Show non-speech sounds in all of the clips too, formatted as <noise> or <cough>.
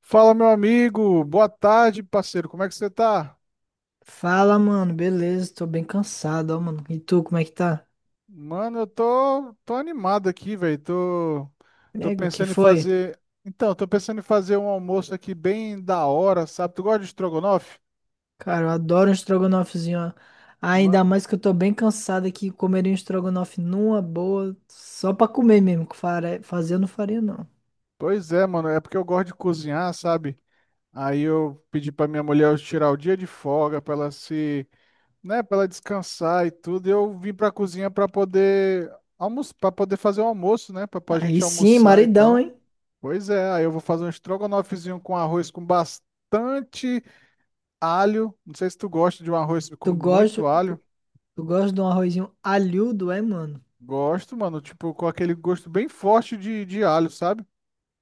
Fala, meu amigo. Boa tarde, parceiro. Como é que você tá? Fala, mano, beleza? Tô bem cansado, ó, mano. E tu, como é que tá? Mano, eu tô animado aqui, velho. Tô Nego, que pensando em foi? fazer. Então, tô pensando em fazer um almoço aqui bem da hora, sabe? Tu gosta de estrogonofe? Cara, eu adoro um estrogonofezinho, ó. Ah, Ma- ainda mais que eu tô bem cansado aqui, comeria um estrogonofe numa boa, só pra comer mesmo, que fazer eu não faria, não. Pois é, mano. É porque eu gosto de cozinhar, sabe? Aí eu pedi pra minha mulher tirar o dia de folga pra ela se, né, pra ela descansar e tudo. E eu vim pra cozinha pra poder almoçar, para poder fazer o almoço, né? Pra Aí gente sim, almoçar e maridão, tal. hein? Pois é, aí eu vou fazer um estrogonofezinho com arroz com bastante alho. Não sei se tu gosta de um arroz com Tu gosta, muito alho. tu, tu gosta de um arrozinho alhudo, é, mano? Gosto, mano, tipo, com aquele gosto bem forte de alho, sabe?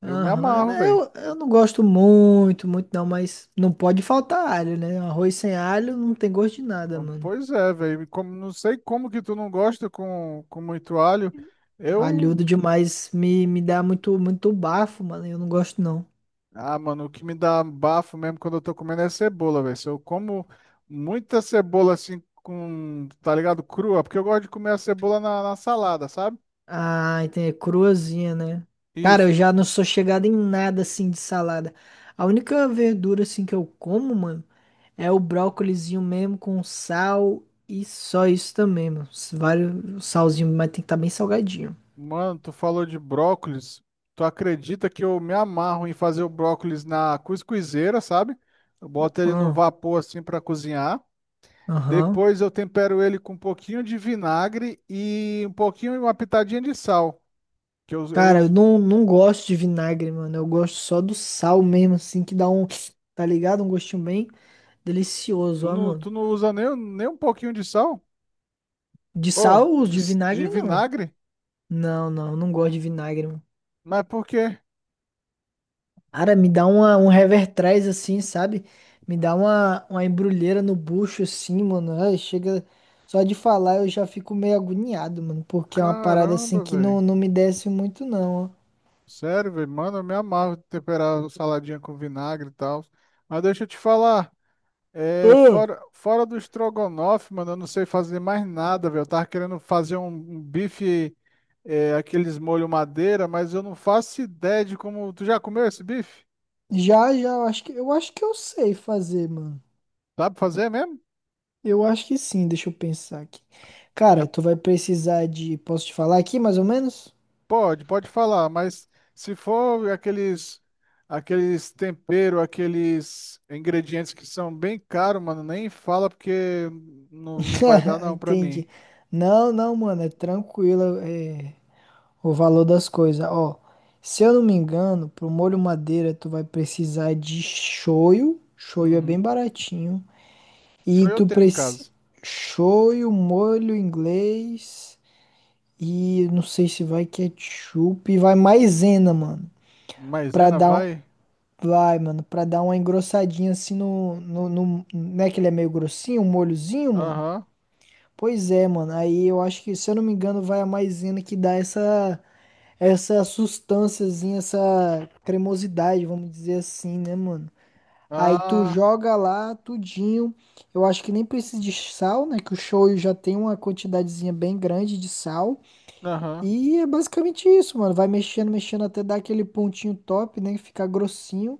Eu me Aham, amarro, né. velho. Eu não gosto muito, muito não, mas não pode faltar alho, né? Um arroz sem alho não tem gosto de nada, mano. Pois é, velho. Como, não sei como que tu não gosta com muito alho. Eu. Alhudo demais me dá muito, muito bafo, mano. Eu não gosto, não. Ah, mano, o que me dá bafo mesmo quando eu tô comendo é cebola, velho. Se eu como muita cebola assim, com, tá ligado? Crua, porque eu gosto de comer a cebola na na salada, sabe? Ah, entendi. Cruazinha, né? Cara, eu Isso. já não sou chegado em nada assim de salada. A única verdura assim que eu como, mano, é o brócolizinho mesmo com sal e só isso também, mano. Vários salzinho, mas tem que estar bem salgadinho. Mano, tu falou de brócolis. Tu acredita que eu me amarro em fazer o brócolis na cuscuzeira, sabe? Eu boto ele no Ah. vapor assim para cozinhar. Aham. Depois eu tempero ele com um pouquinho de vinagre e um pouquinho, uma pitadinha de sal. Que eu Cara, eu uso. não gosto de vinagre, mano. Eu gosto só do sal mesmo, assim, que dá um, tá ligado? Um gostinho bem delicioso, Tu ó, não, mano. tu não usa nem um pouquinho de sal? De Ô, sal, os de, de de vinagre, não. vinagre? Não, não, não gosto de vinagre, mano. Mas por quê? Cara, me dá uma, um revertrás assim, sabe? Me dá uma embrulheira no bucho assim, mano. Ai, chega. Só de falar eu já fico meio agoniado, mano. Porque é uma parada assim Caramba, que velho. não me desce muito, não, ó. Sério, velho. Mano, eu me amarro em temperar saladinha com vinagre e tal. Mas deixa eu te falar. É, Ah. fora do estrogonofe, mano, eu não sei fazer mais nada, velho. Eu tava querendo fazer um bife, é, aqueles molho madeira, mas eu não faço ideia de como. Tu já comeu esse bife? Já, já, eu acho que eu sei fazer, mano. Dá pra fazer mesmo? Eu acho que sim, deixa eu pensar aqui. É, Cara, tu vai precisar de. Posso te falar aqui mais ou menos? pode falar, mas se for aqueles, aqueles tempero, aqueles ingredientes que são bem caros, mano, nem fala porque não vai dar <laughs> não pra Entendi. mim. Não, não, mano, é tranquilo, é o valor das coisas. Ó, se eu não me engano, pro molho madeira tu vai precisar de shoyu. Shoyu é bem Uhum. baratinho. Só E eu tu tenho em precisa. casa. Shoyu, molho inglês. E não sei se vai ketchup. E vai maisena, mano. Pra Maisena dar um. vai? Vai, mano, pra dar uma engrossadinha assim no. Não é que ele é meio grossinho, um molhozinho, mano? Aham. Pois é, mano. Aí eu acho que, se eu não me engano, vai a maisena que dá essa sustânciazinha, essa cremosidade, vamos dizer assim, né, mano? Aí tu Ah. joga lá tudinho. Eu acho que nem precisa de sal, né? Que o shoyu já tem uma quantidadezinha bem grande de sal. Aham. E é basicamente isso, mano. Vai mexendo, mexendo até dar aquele pontinho top, né? Ficar grossinho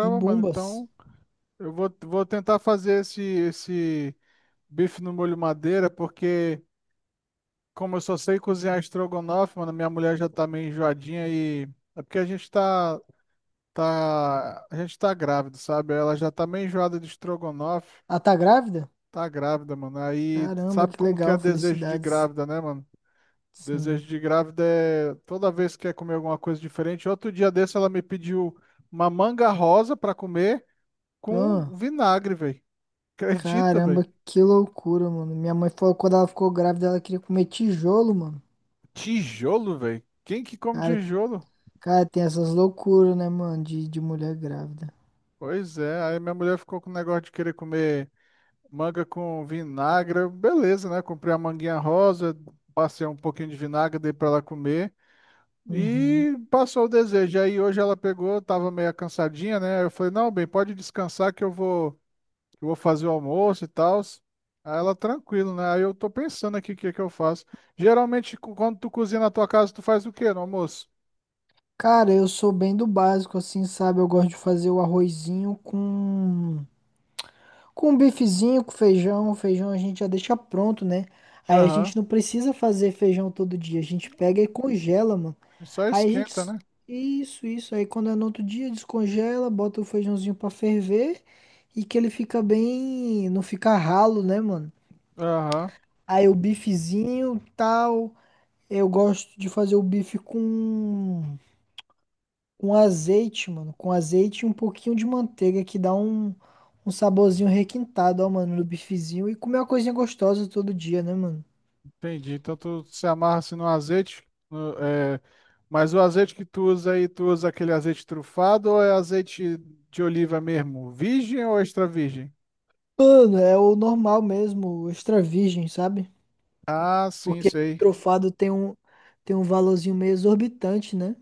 e mano, bombas. então eu vou tentar fazer esse bife no molho madeira, porque como eu só sei cozinhar estrogonofe, mano, minha mulher já tá meio enjoadinha e é porque a gente tá grávido, sabe? Ela já tá meio enjoada de estrogonofe, Ah, tá grávida? tá grávida, mano. Aí Caramba, sabe que como que é legal, desejo de felicidades. grávida, né, mano? Sim. Desejo de grávida é toda vez que quer comer alguma coisa diferente. Outro dia desse ela me pediu uma manga rosa pra comer com Ah. vinagre, velho. Acredita, velho? Caramba, que loucura, mano. Minha mãe falou que quando ela ficou grávida, ela queria comer tijolo, mano. Tijolo, velho? Quem que come Cara, tijolo? cara, tem essas loucuras, né, mano, de mulher grávida. Pois é, aí minha mulher ficou com o negócio de querer comer manga com vinagre. Eu, beleza, né? Comprei a manguinha rosa, passei um pouquinho de vinagre, dei pra ela comer. Uhum. E passou o desejo. Aí hoje ela pegou, tava meio cansadinha, né? Aí eu falei, não, bem, pode descansar que eu eu vou fazer o almoço e tal. Aí ela, tranquilo, né? Aí eu tô pensando aqui o que que eu faço. Geralmente, quando tu cozinha na tua casa, tu faz o quê no almoço? Cara, eu sou bem do básico, assim, sabe? Eu gosto de fazer o arrozinho com um bifezinho, com feijão. Feijão a gente já deixa pronto, né? Aí a Aham. gente não precisa fazer feijão todo dia, a gente pega e congela, mano. Só Aí a esquenta, gente. né? Isso, isso. Aí quando é no outro dia, descongela, bota o feijãozinho pra ferver e que ele fica bem. Não fica ralo, né, mano? Aham, Aí o bifezinho, tal. Eu gosto de fazer o bife com azeite, mano. Com azeite e um pouquinho de manteiga que dá um, um saborzinho requintado, ó, mano, no bifezinho. E comer uma coisinha gostosa todo dia, né, mano? entendi. Então tu se amarra assim no azeite, é, mas o azeite que tu usa aí, tu usa aquele azeite trufado ou é azeite de oliva mesmo? Virgem ou extra virgem? Mano, é o normal mesmo, o extra virgem, sabe? Ah, sim, Porque esse sei. trufado tem um valorzinho meio exorbitante, né?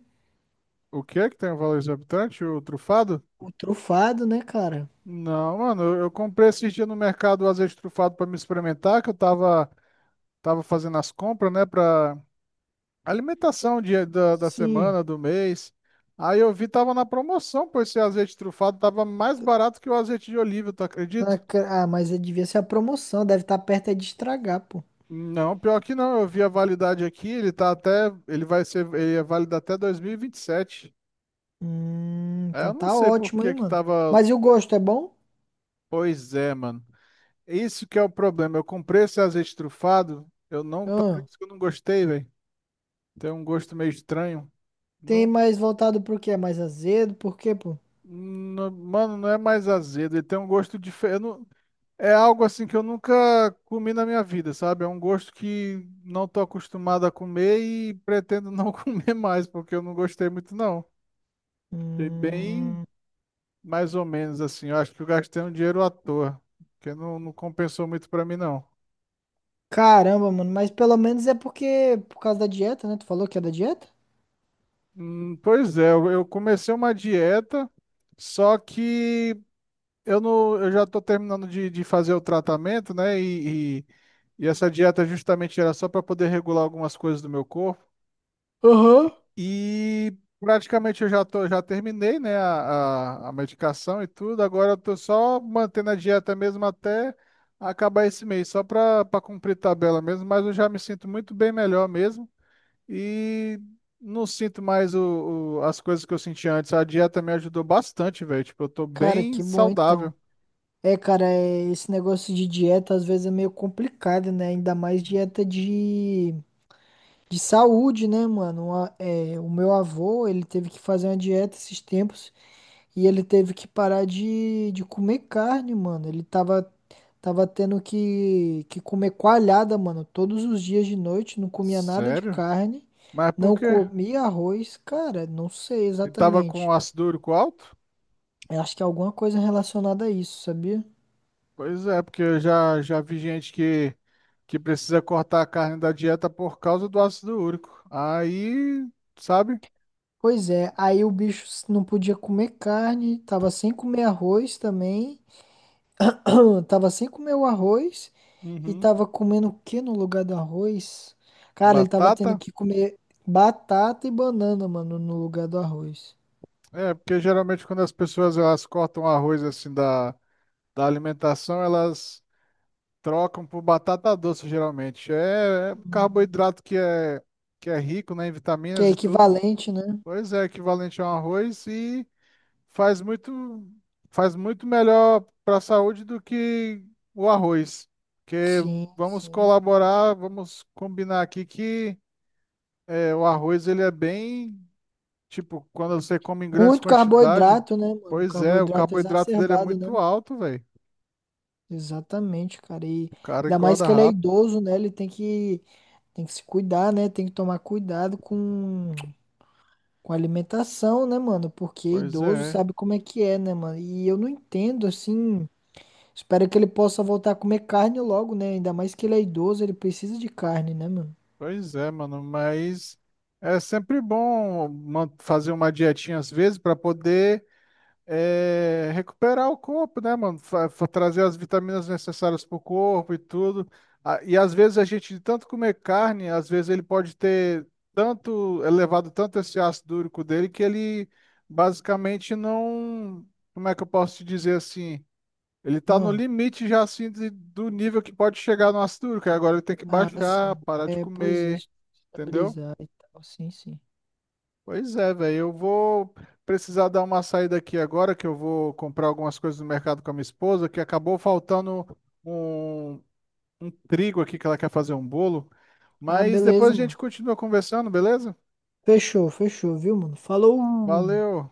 O que é que tem o valor exorbitante? O trufado? O trufado, né, cara? Não, mano, eu comprei esses dias no mercado o azeite trufado para me experimentar, que eu tava fazendo as compras, né, para alimentação dia da Sim. semana, do mês. Aí eu vi, tava na promoção, pois esse azeite trufado tava mais barato que o azeite de oliva, tu acredita? Na ca- ah, mas é, devia ser a promoção, deve estar perto é de estragar, pô. Não, pior que não, eu vi a validade aqui, ele tá até, ele vai ser, ele é válido até 2027. É, Então eu não tá sei por ótimo, hein, que que mano. tava, Mas e o gosto, é bom? pois é, mano. Isso que é o problema, eu comprei esse azeite trufado, eu não, tu Ah. acredita que eu não gostei, velho? Tem um gosto meio estranho. Tem Não, mais voltado pro quê? É mais azedo? Por quê, pô? Mano, não é mais azedo, ele tem um gosto diferente. É algo assim que eu nunca comi na minha vida, sabe? É um gosto que não tô acostumado a comer e pretendo não <laughs> comer mais, porque eu não gostei muito, não. Fiquei bem Hum, mais ou menos assim. Eu acho que eu gastei um dinheiro à toa, porque não compensou muito pra mim, não. caramba, mano. Mas pelo menos é porque, por causa da dieta, né? Tu falou que é da dieta? Pois é, eu comecei uma dieta, só que eu não, eu já estou terminando de fazer o tratamento, né? E essa dieta justamente era só para poder regular algumas coisas do meu corpo. Aham. E praticamente eu já tô, já terminei, né, a medicação e tudo. Agora eu tô só mantendo a dieta mesmo até acabar esse mês, só para cumprir tabela mesmo. Mas eu já me sinto muito bem melhor mesmo e não sinto mais as coisas que eu sentia antes. A dieta me ajudou bastante, velho. Tipo, eu tô Cara, bem que bom então. saudável. É, cara, é- esse negócio de dieta às vezes é meio complicado, né? Ainda mais dieta de saúde, né, mano? Uma- é, o meu avô, ele teve que fazer uma dieta esses tempos e ele teve que parar de comer carne, mano. Ele tava Tava tendo que comer coalhada, mano, todos os dias de noite, não comia nada de Sério? carne, Mas por não quê? comia arroz, cara, não sei Ele tava exatamente. com ácido úrico alto? Eu acho que é alguma coisa relacionada a isso, sabia? Pois é, porque eu já vi gente que precisa cortar a carne da dieta por causa do ácido úrico. Aí, sabe? Pois é, aí o bicho não podia comer carne, tava sem comer arroz também, <clears throat> tava sem comer o arroz e Uhum. tava comendo o que no lugar do arroz? Cara, ele tava tendo Batata? que comer batata e banana, mano, no lugar do arroz. É, porque geralmente quando as pessoas elas cortam arroz assim da alimentação, elas trocam por batata doce, geralmente. É, é Hum. carboidrato que é rico, né, em Que é vitaminas e tudo. equivalente, né? Pois é, equivalente a um arroz e faz muito, faz muito melhor para a saúde do que o arroz. Porque Sim, vamos sim. colaborar, vamos combinar aqui que é, o arroz ele é bem, tipo, quando você come em grandes Muito quantidades, carboidrato, né, mano? pois é, o Carboidrato carboidrato dele é exacerbado, né? muito alto, velho. Exatamente, cara. E O cara ainda mais engorda que ele é rápido. idoso, né? Tem que se cuidar, né? Tem que tomar cuidado com a alimentação, né, mano? Porque Pois idoso é, sabe como é que é, né, mano? E eu não entendo, assim. Espero que ele possa voltar a comer carne logo, né? Ainda mais que ele é idoso, ele precisa de carne, né, mano? Pois é, mano. Mas é sempre bom fazer uma dietinha às vezes para poder é, recuperar o corpo, né, mano? Trazer as vitaminas necessárias pro corpo e tudo. Ah, e às vezes a gente, de tanto comer carne, às vezes ele pode ter tanto, elevado tanto esse ácido úrico dele que ele basicamente não, como é que eu posso te dizer assim? Ele tá no Ah, limite já assim do nível que pode chegar no ácido úrico. Aí agora ele tem que ah, baixar, sim. parar de É, pois é. comer, entendeu? Estabilizar e tal. Sim, sim. Pois é, velho. Eu vou precisar dar uma saída aqui agora, que eu vou comprar algumas coisas no mercado com a minha esposa, que acabou faltando um, um trigo aqui que ela quer fazer um bolo. Ah, Mas depois a beleza, gente mano. continua conversando, beleza? Fechou, fechou, viu, mano? Falou. Valeu.